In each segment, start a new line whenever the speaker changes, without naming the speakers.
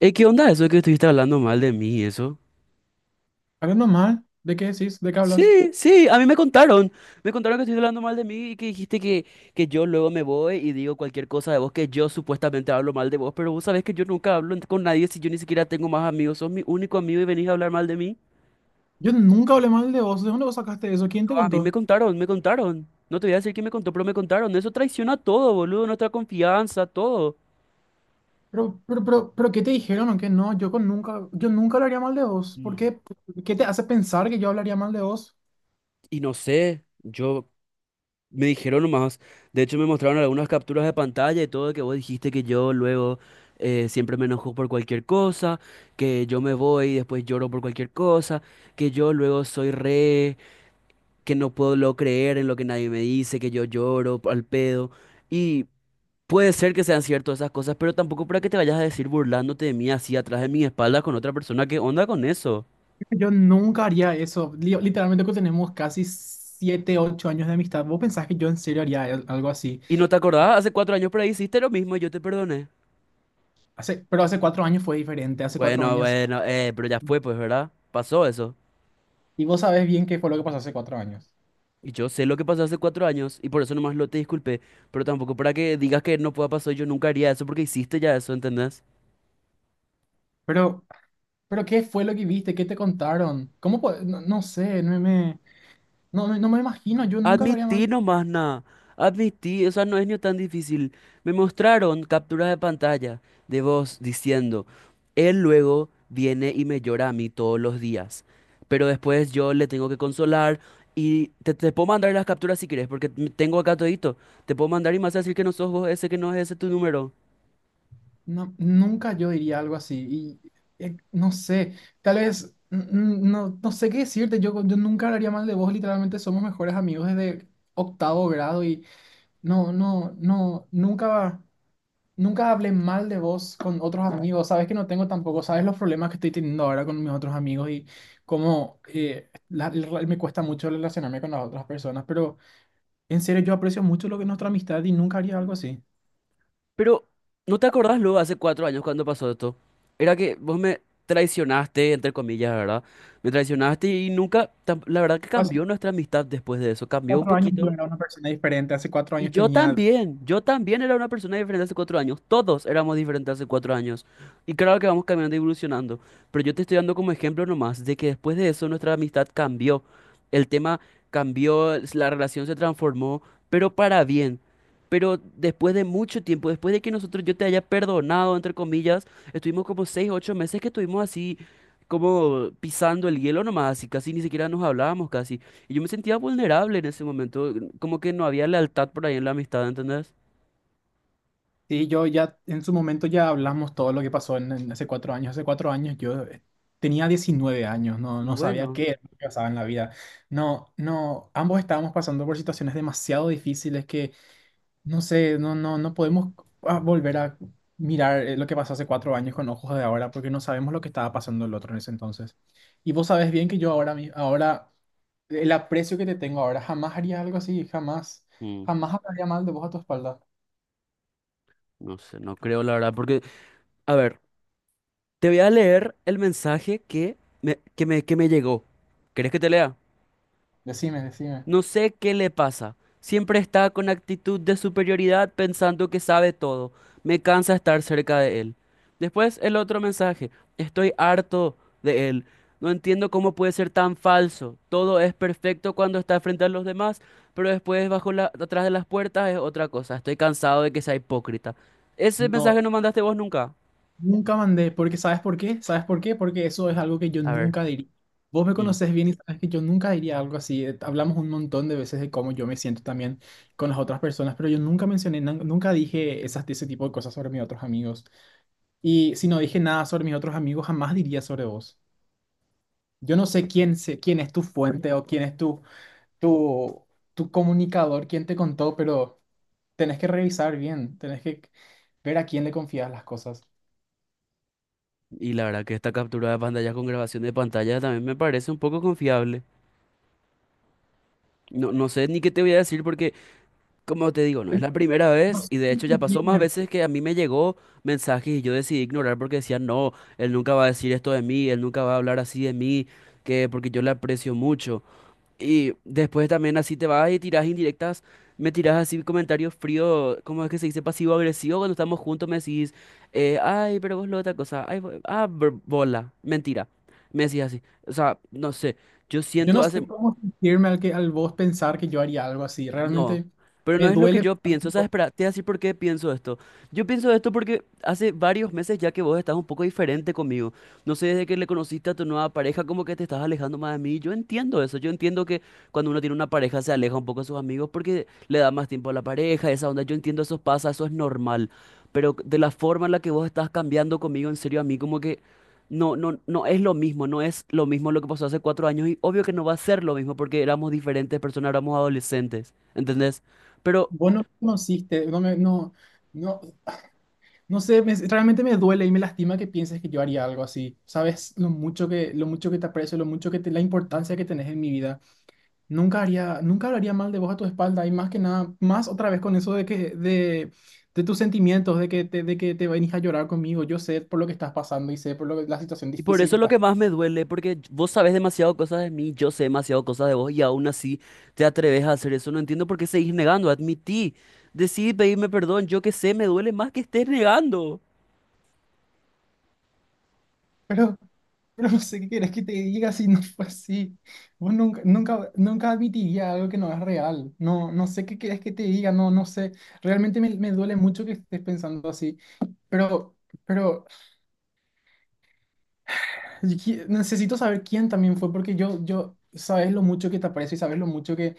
¿Qué onda eso de que estuviste hablando mal de mí y eso?
Hablando mal, ¿de qué decís? ¿De qué
Sí,
hablas?
sí, a mí me contaron. Me contaron que estuviste hablando mal de mí y que dijiste que yo luego me voy y digo cualquier cosa de vos, que yo supuestamente hablo mal de vos, pero vos sabés que yo nunca hablo en- con nadie si yo ni siquiera tengo más amigos. Sos mi único amigo y venís a hablar mal de mí.
Yo nunca hablé mal de vos. ¿De dónde vos sacaste eso? ¿Quién te
No, a mí me
contó?
contaron, me contaron. No te voy a decir quién me contó, pero me contaron. Eso traiciona todo, boludo, nuestra confianza, todo.
Pero, ¿qué te dijeron o qué no? Yo nunca hablaría mal de vos. ¿Por
Mm.
qué? ¿Qué te hace pensar que yo hablaría mal de vos?
Y no sé, yo me dijeron nomás, de hecho me mostraron algunas capturas de pantalla y todo que vos dijiste que yo luego siempre me enojo por cualquier cosa, que yo me voy y después lloro por cualquier cosa, que yo luego soy re, que no puedo luego creer en lo que nadie me dice, que yo lloro al pedo. Y puede ser que sean ciertas esas cosas, pero tampoco para que te vayas a decir burlándote de mí así atrás de mi espalda con otra persona, ¿qué onda con eso?
Yo nunca haría eso. Literalmente que tenemos casi 7, 8 años de amistad. ¿Vos pensás que yo en serio haría algo así?
¿Y no te acordás? Hace 4 años por ahí hiciste lo mismo y yo te perdoné.
Pero hace 4 años fue diferente. Hace cuatro
Bueno,
años.
bueno, eh, pero ya fue pues, ¿verdad? Pasó eso.
Y vos sabés bien qué fue lo que pasó hace 4 años.
Y yo sé lo que pasó hace 4 años y por eso nomás lo te disculpé, pero tampoco para que digas que no pueda pasar, yo nunca haría eso porque hiciste ya eso, ¿entendés?
Pero, pero, ¿qué fue lo que viste? ¿Qué te contaron? ¿Cómo? No sé. No, no me imagino, yo nunca lo haría mal.
Admití nomás nada, admití, o sea, no es ni tan difícil. Me mostraron capturas de pantalla de vos diciendo, él luego viene y me llora a mí todos los días, pero después yo le tengo que consolar y te puedo mandar las capturas si quieres, porque m- tengo acá todito, te puedo mandar y más decir que no sos vos ese, que no es ese tu número.
No, nunca yo diría algo así. Y no sé, tal vez, no sé qué decirte. Yo nunca hablaría mal de vos. Literalmente somos mejores amigos desde octavo grado y no, no, no, nunca, nunca hablé mal de vos con otros amigos. Sabes que no tengo tampoco, sabes los problemas que estoy teniendo ahora con mis otros amigos y cómo me cuesta mucho relacionarme con las otras personas. Pero en serio, yo aprecio mucho lo que es nuestra amistad y nunca haría algo así.
Pero, ¿no te acordás luego hace 4 años cuando pasó esto? Era que vos me traicionaste, entre comillas, ¿verdad? Me traicionaste y nunca, tam- la verdad que cambió nuestra amistad después de eso, cambió un
Cuatro años yo
poquito.
era una persona diferente, hace cuatro
Y
años tenía.
yo también era una persona diferente hace 4 años, todos éramos diferentes hace 4 años. Y claro que vamos cambiando y evolucionando, pero yo te estoy dando como ejemplo nomás de que después de eso nuestra amistad cambió, el tema cambió, s- la relación se transformó, pero para bien. Pero después de mucho tiempo, después de que nosotros yo te haya perdonado, entre comillas, estuvimos como 6, 8 meses que estuvimos así, como pisando el hielo nomás, así casi ni siquiera nos hablábamos casi. Y yo me sentía vulnerable en ese momento, como que no había lealtad por ahí en la amistad, ¿entendés?
Sí, yo ya en su momento ya hablamos todo lo que pasó en hace 4 años yo tenía 19 años, no,
Y
no sabía
bueno,
qué era lo que pasaba en la vida. No, ambos estábamos pasando por situaciones demasiado difíciles que, no sé, no podemos volver a mirar lo que pasó hace 4 años con ojos de ahora porque no sabemos lo que estaba pasando el otro en ese entonces. Y vos sabés bien que yo ahora, ahora el aprecio que te tengo ahora, jamás haría algo así, jamás,
mm,
jamás hablaría mal de vos a tu espalda.
no sé, no creo la verdad, porque, a ver, te voy a leer el mensaje que me llegó. ¿Querés que te lea?
Decime, decime.
No sé qué le pasa. Siempre está con actitud de superioridad pensando que sabe todo. Me cansa estar cerca de él. Después el otro mensaje. Estoy harto de él. No entiendo cómo puede ser tan falso. Todo es perfecto cuando está frente a los demás, pero después atrás de las puertas es otra cosa. Estoy cansado de que sea hipócrita. Ese mensaje
No,
no mandaste vos nunca.
nunca mandé, porque ¿sabes por qué? ¿Sabes por qué? Porque eso es algo que yo
A ver.
nunca diría. Vos me
Mm.
conocés bien y sabes que yo nunca diría algo así. Hablamos un montón de veces de cómo yo me siento también con las otras personas, pero yo nunca mencioné, nunca dije esas, ese tipo de cosas sobre mis otros amigos. Y si no dije nada sobre mis otros amigos, jamás diría sobre vos. Yo no sé quién, quién es tu fuente o quién es tu tu, tu comunicador, quién te contó, pero tenés que revisar bien, tenés que ver a quién le confías las cosas.
Y la verdad que esta captura de pantalla con grabación de pantalla también me parece un poco confiable. No, no sé ni qué te voy a decir porque como te digo, no
Yo
es
no
la primera
no
vez
sé
y de
cómo
hecho ya pasó más
sentirme,
veces que a mí me llegó mensajes y yo decidí ignorar porque decía, no, él nunca va a decir esto de mí, él nunca va a hablar así de mí, que porque yo le aprecio mucho. Y después también así te vas y tiras indirectas, me tiras así comentarios fríos, ¿cómo es que se dice? Pasivo-agresivo, cuando estamos juntos me decís, ay, pero vos lo otra cosa, ay, bo- ah, br- bola, mentira, me decís así, o sea, no sé, yo
yo
siento
no
hace,
sé cómo sentirme al vos pensar que yo haría algo así.
no,
Realmente
pero no
me
es lo que
duele.
yo
pensar que
pienso. ¿Sabes?
Vos
Espera, te voy a decir por qué pienso esto. Yo pienso esto porque hace varios meses ya que vos estás un poco diferente conmigo. No sé, desde que le conociste a tu nueva pareja, como que te estás alejando más de mí. Yo entiendo eso. Yo entiendo que cuando uno tiene una pareja se aleja un poco de sus amigos porque le da más tiempo a la pareja, esa onda. Yo entiendo eso pasa, eso es normal. Pero de la forma en la que vos estás cambiando conmigo, en serio, a mí como que... No, no es lo mismo, no es lo mismo lo que pasó hace cuatro años y obvio que no va a ser lo mismo porque éramos diferentes personas, éramos adolescentes, ¿entendés? Pero,
vos no me conociste, no, me- no, no, no sé, me- realmente me duele y me lastima que pienses que yo haría algo así. Sabes lo mucho que te aprecio, lo mucho que te, la importancia que tenés en mi vida. Nunca haría, nunca hablaría mal de vos a tu espalda y más que nada, más otra vez con eso de que de tus sentimientos, de que te venís a llorar conmigo. Yo sé por lo que estás pasando y sé la situación
y por
difícil que
eso es lo
estás.
que más me duele, porque vos sabés demasiado cosas de mí, yo sé demasiado cosas de vos y aún así te atreves a hacer eso, no entiendo por qué seguís negando, admití, decidí pedirme perdón, yo que sé, me duele más que estés negando.
Pero Pero, no sé qué quieres que te diga si no fue así. Vos nunca, nunca, nunca admitiría algo que no es real. No sé qué quieres que te diga, no sé. Realmente me duele mucho que estés pensando así. Pero, pero, yo necesito saber quién también fue, porque sabes lo mucho que, te aprecio y sabes lo mucho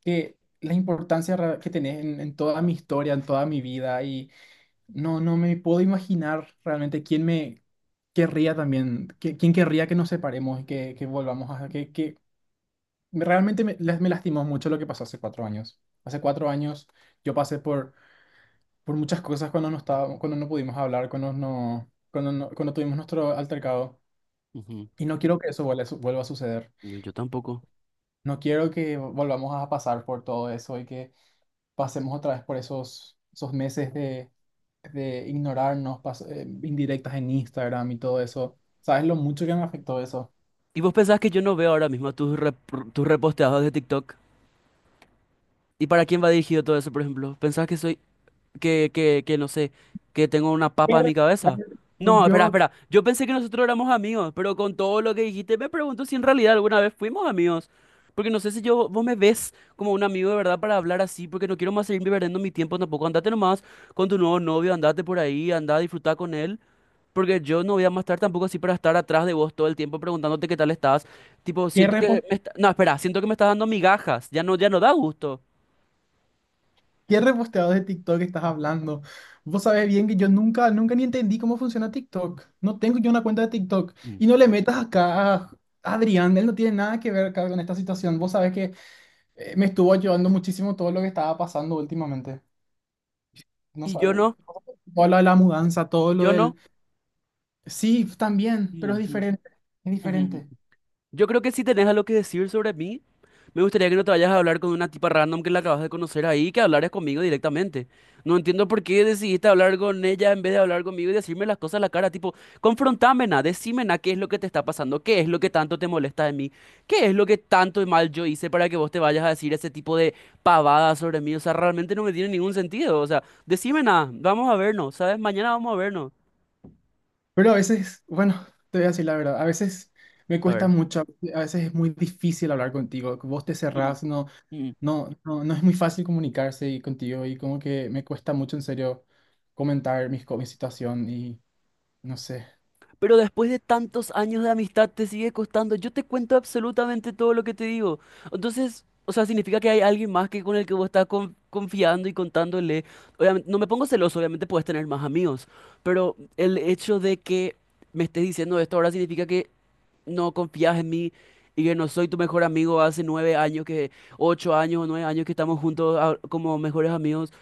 que la importancia que tenés en toda mi historia, en toda mi vida. Y no me puedo imaginar realmente quién me querría también, quién querría que nos separemos y que volvamos a, que realmente me lastimó mucho lo que pasó hace 4 años. Hace 4 años yo pasé por muchas cosas cuando no estaba, cuando no pudimos hablar, cuando no, cuando no- cuando tuvimos nuestro altercado.
Ujú.
Y no quiero que eso vuelva a suceder.
No, yo tampoco.
No quiero que volvamos a pasar por todo eso y que pasemos otra vez por esos meses de ignorarnos, indirectas en Instagram y todo eso. ¿Sabes lo mucho que me afectó eso?
¿Y vos pensás que yo no veo ahora mismo tus, rep- tus reposteados de TikTok? ¿Y para quién va dirigido todo eso, por ejemplo? ¿Pensás que soy, que no sé, que tengo una
¿Qué
papa en
re-
mi cabeza? No, espera,
Yo,
espera. Yo pensé que nosotros éramos amigos, pero con todo lo que dijiste me pregunto si en realidad alguna vez fuimos amigos. Porque no sé si yo, vos me ves como un amigo de verdad para hablar así, porque no quiero más seguir perdiendo mi tiempo tampoco. Andate nomás con tu nuevo novio, andate por ahí, andá a disfrutar con él. Porque yo no voy a más estar tampoco así para estar atrás de vos todo el tiempo preguntándote qué tal estás. Tipo,
qué
siento que me está- No, espera, siento que me estás dando migajas. Ya no, ya no da gusto.
¿Qué reposteado de TikTok estás hablando? Vos sabés bien que yo nunca, nunca ni entendí cómo funciona TikTok. No tengo yo una cuenta de TikTok.
Mm.
Y no le metas acá a Adrián, él no tiene nada que ver acá con esta situación. Vos sabés que me estuvo ayudando muchísimo todo lo que estaba pasando últimamente. No
Y yo
sabes,
no,
todo lo de la mudanza, todo
y
lo
yo no.
del. Sí, también,
Mm,
pero es
mm.
diferente, es
Mm, mm.
diferente.
Yo creo que si tenés algo que decir sobre mí, me gustaría que no te vayas a hablar con una tipa random que la acabas de conocer ahí, que hablaras conmigo directamente. No entiendo por qué decidiste hablar con ella en vez de hablar conmigo y decirme las cosas a la cara, tipo, confrontámena, decímena qué es lo que te está pasando, qué es lo que tanto te molesta de mí, qué es lo que tanto mal yo hice para que vos te vayas a decir ese tipo de pavadas sobre mí. O sea, realmente no me tiene ningún sentido. O sea, decímena, vamos a vernos, ¿sabes? Mañana vamos a vernos.
Pero a veces, bueno, te voy a decir la verdad, a veces me
A
cuesta
ver.
mucho, a veces es muy difícil hablar contigo, vos te
Mm,
cerrás, no.
mm.
No es muy fácil comunicarse y contigo y como que me cuesta mucho en serio comentar mi situación y no sé.
Pero después de tantos años de amistad te sigue costando. Yo te cuento absolutamente todo lo que te digo. Entonces, o sea, significa que hay alguien más que con el que vos estás con- confiando y contándole. Obviamente, no me pongo celoso, obviamente puedes tener más amigos, pero el hecho de que me estés diciendo esto ahora significa que no confías en mí y que no soy tu mejor amigo hace 9 años, que 8 años o 9 años que estamos juntos como mejores amigos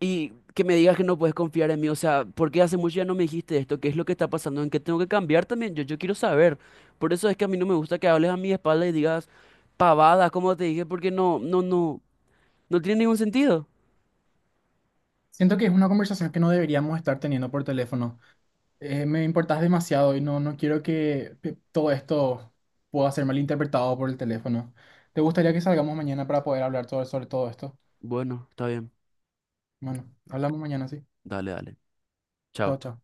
y que me digas que no puedes confiar en mí. O sea, ¿por qué hace mucho ya no me dijiste esto? ¿Qué es lo que está pasando? ¿En qué tengo que cambiar también? Yo quiero saber. Por eso es que a mí no me gusta que hables a mi espalda y digas pavadas, como te dije, porque no tiene ningún sentido.
Siento que es una conversación que no deberíamos estar teniendo por teléfono. Me importas demasiado y no quiero que todo esto pueda ser malinterpretado por el teléfono. ¿Te gustaría que salgamos mañana para poder hablar sobre todo esto?
Bueno, está bien.
Bueno, hablamos mañana, sí.
Dale, dale.
Chao,
Chao.
chao.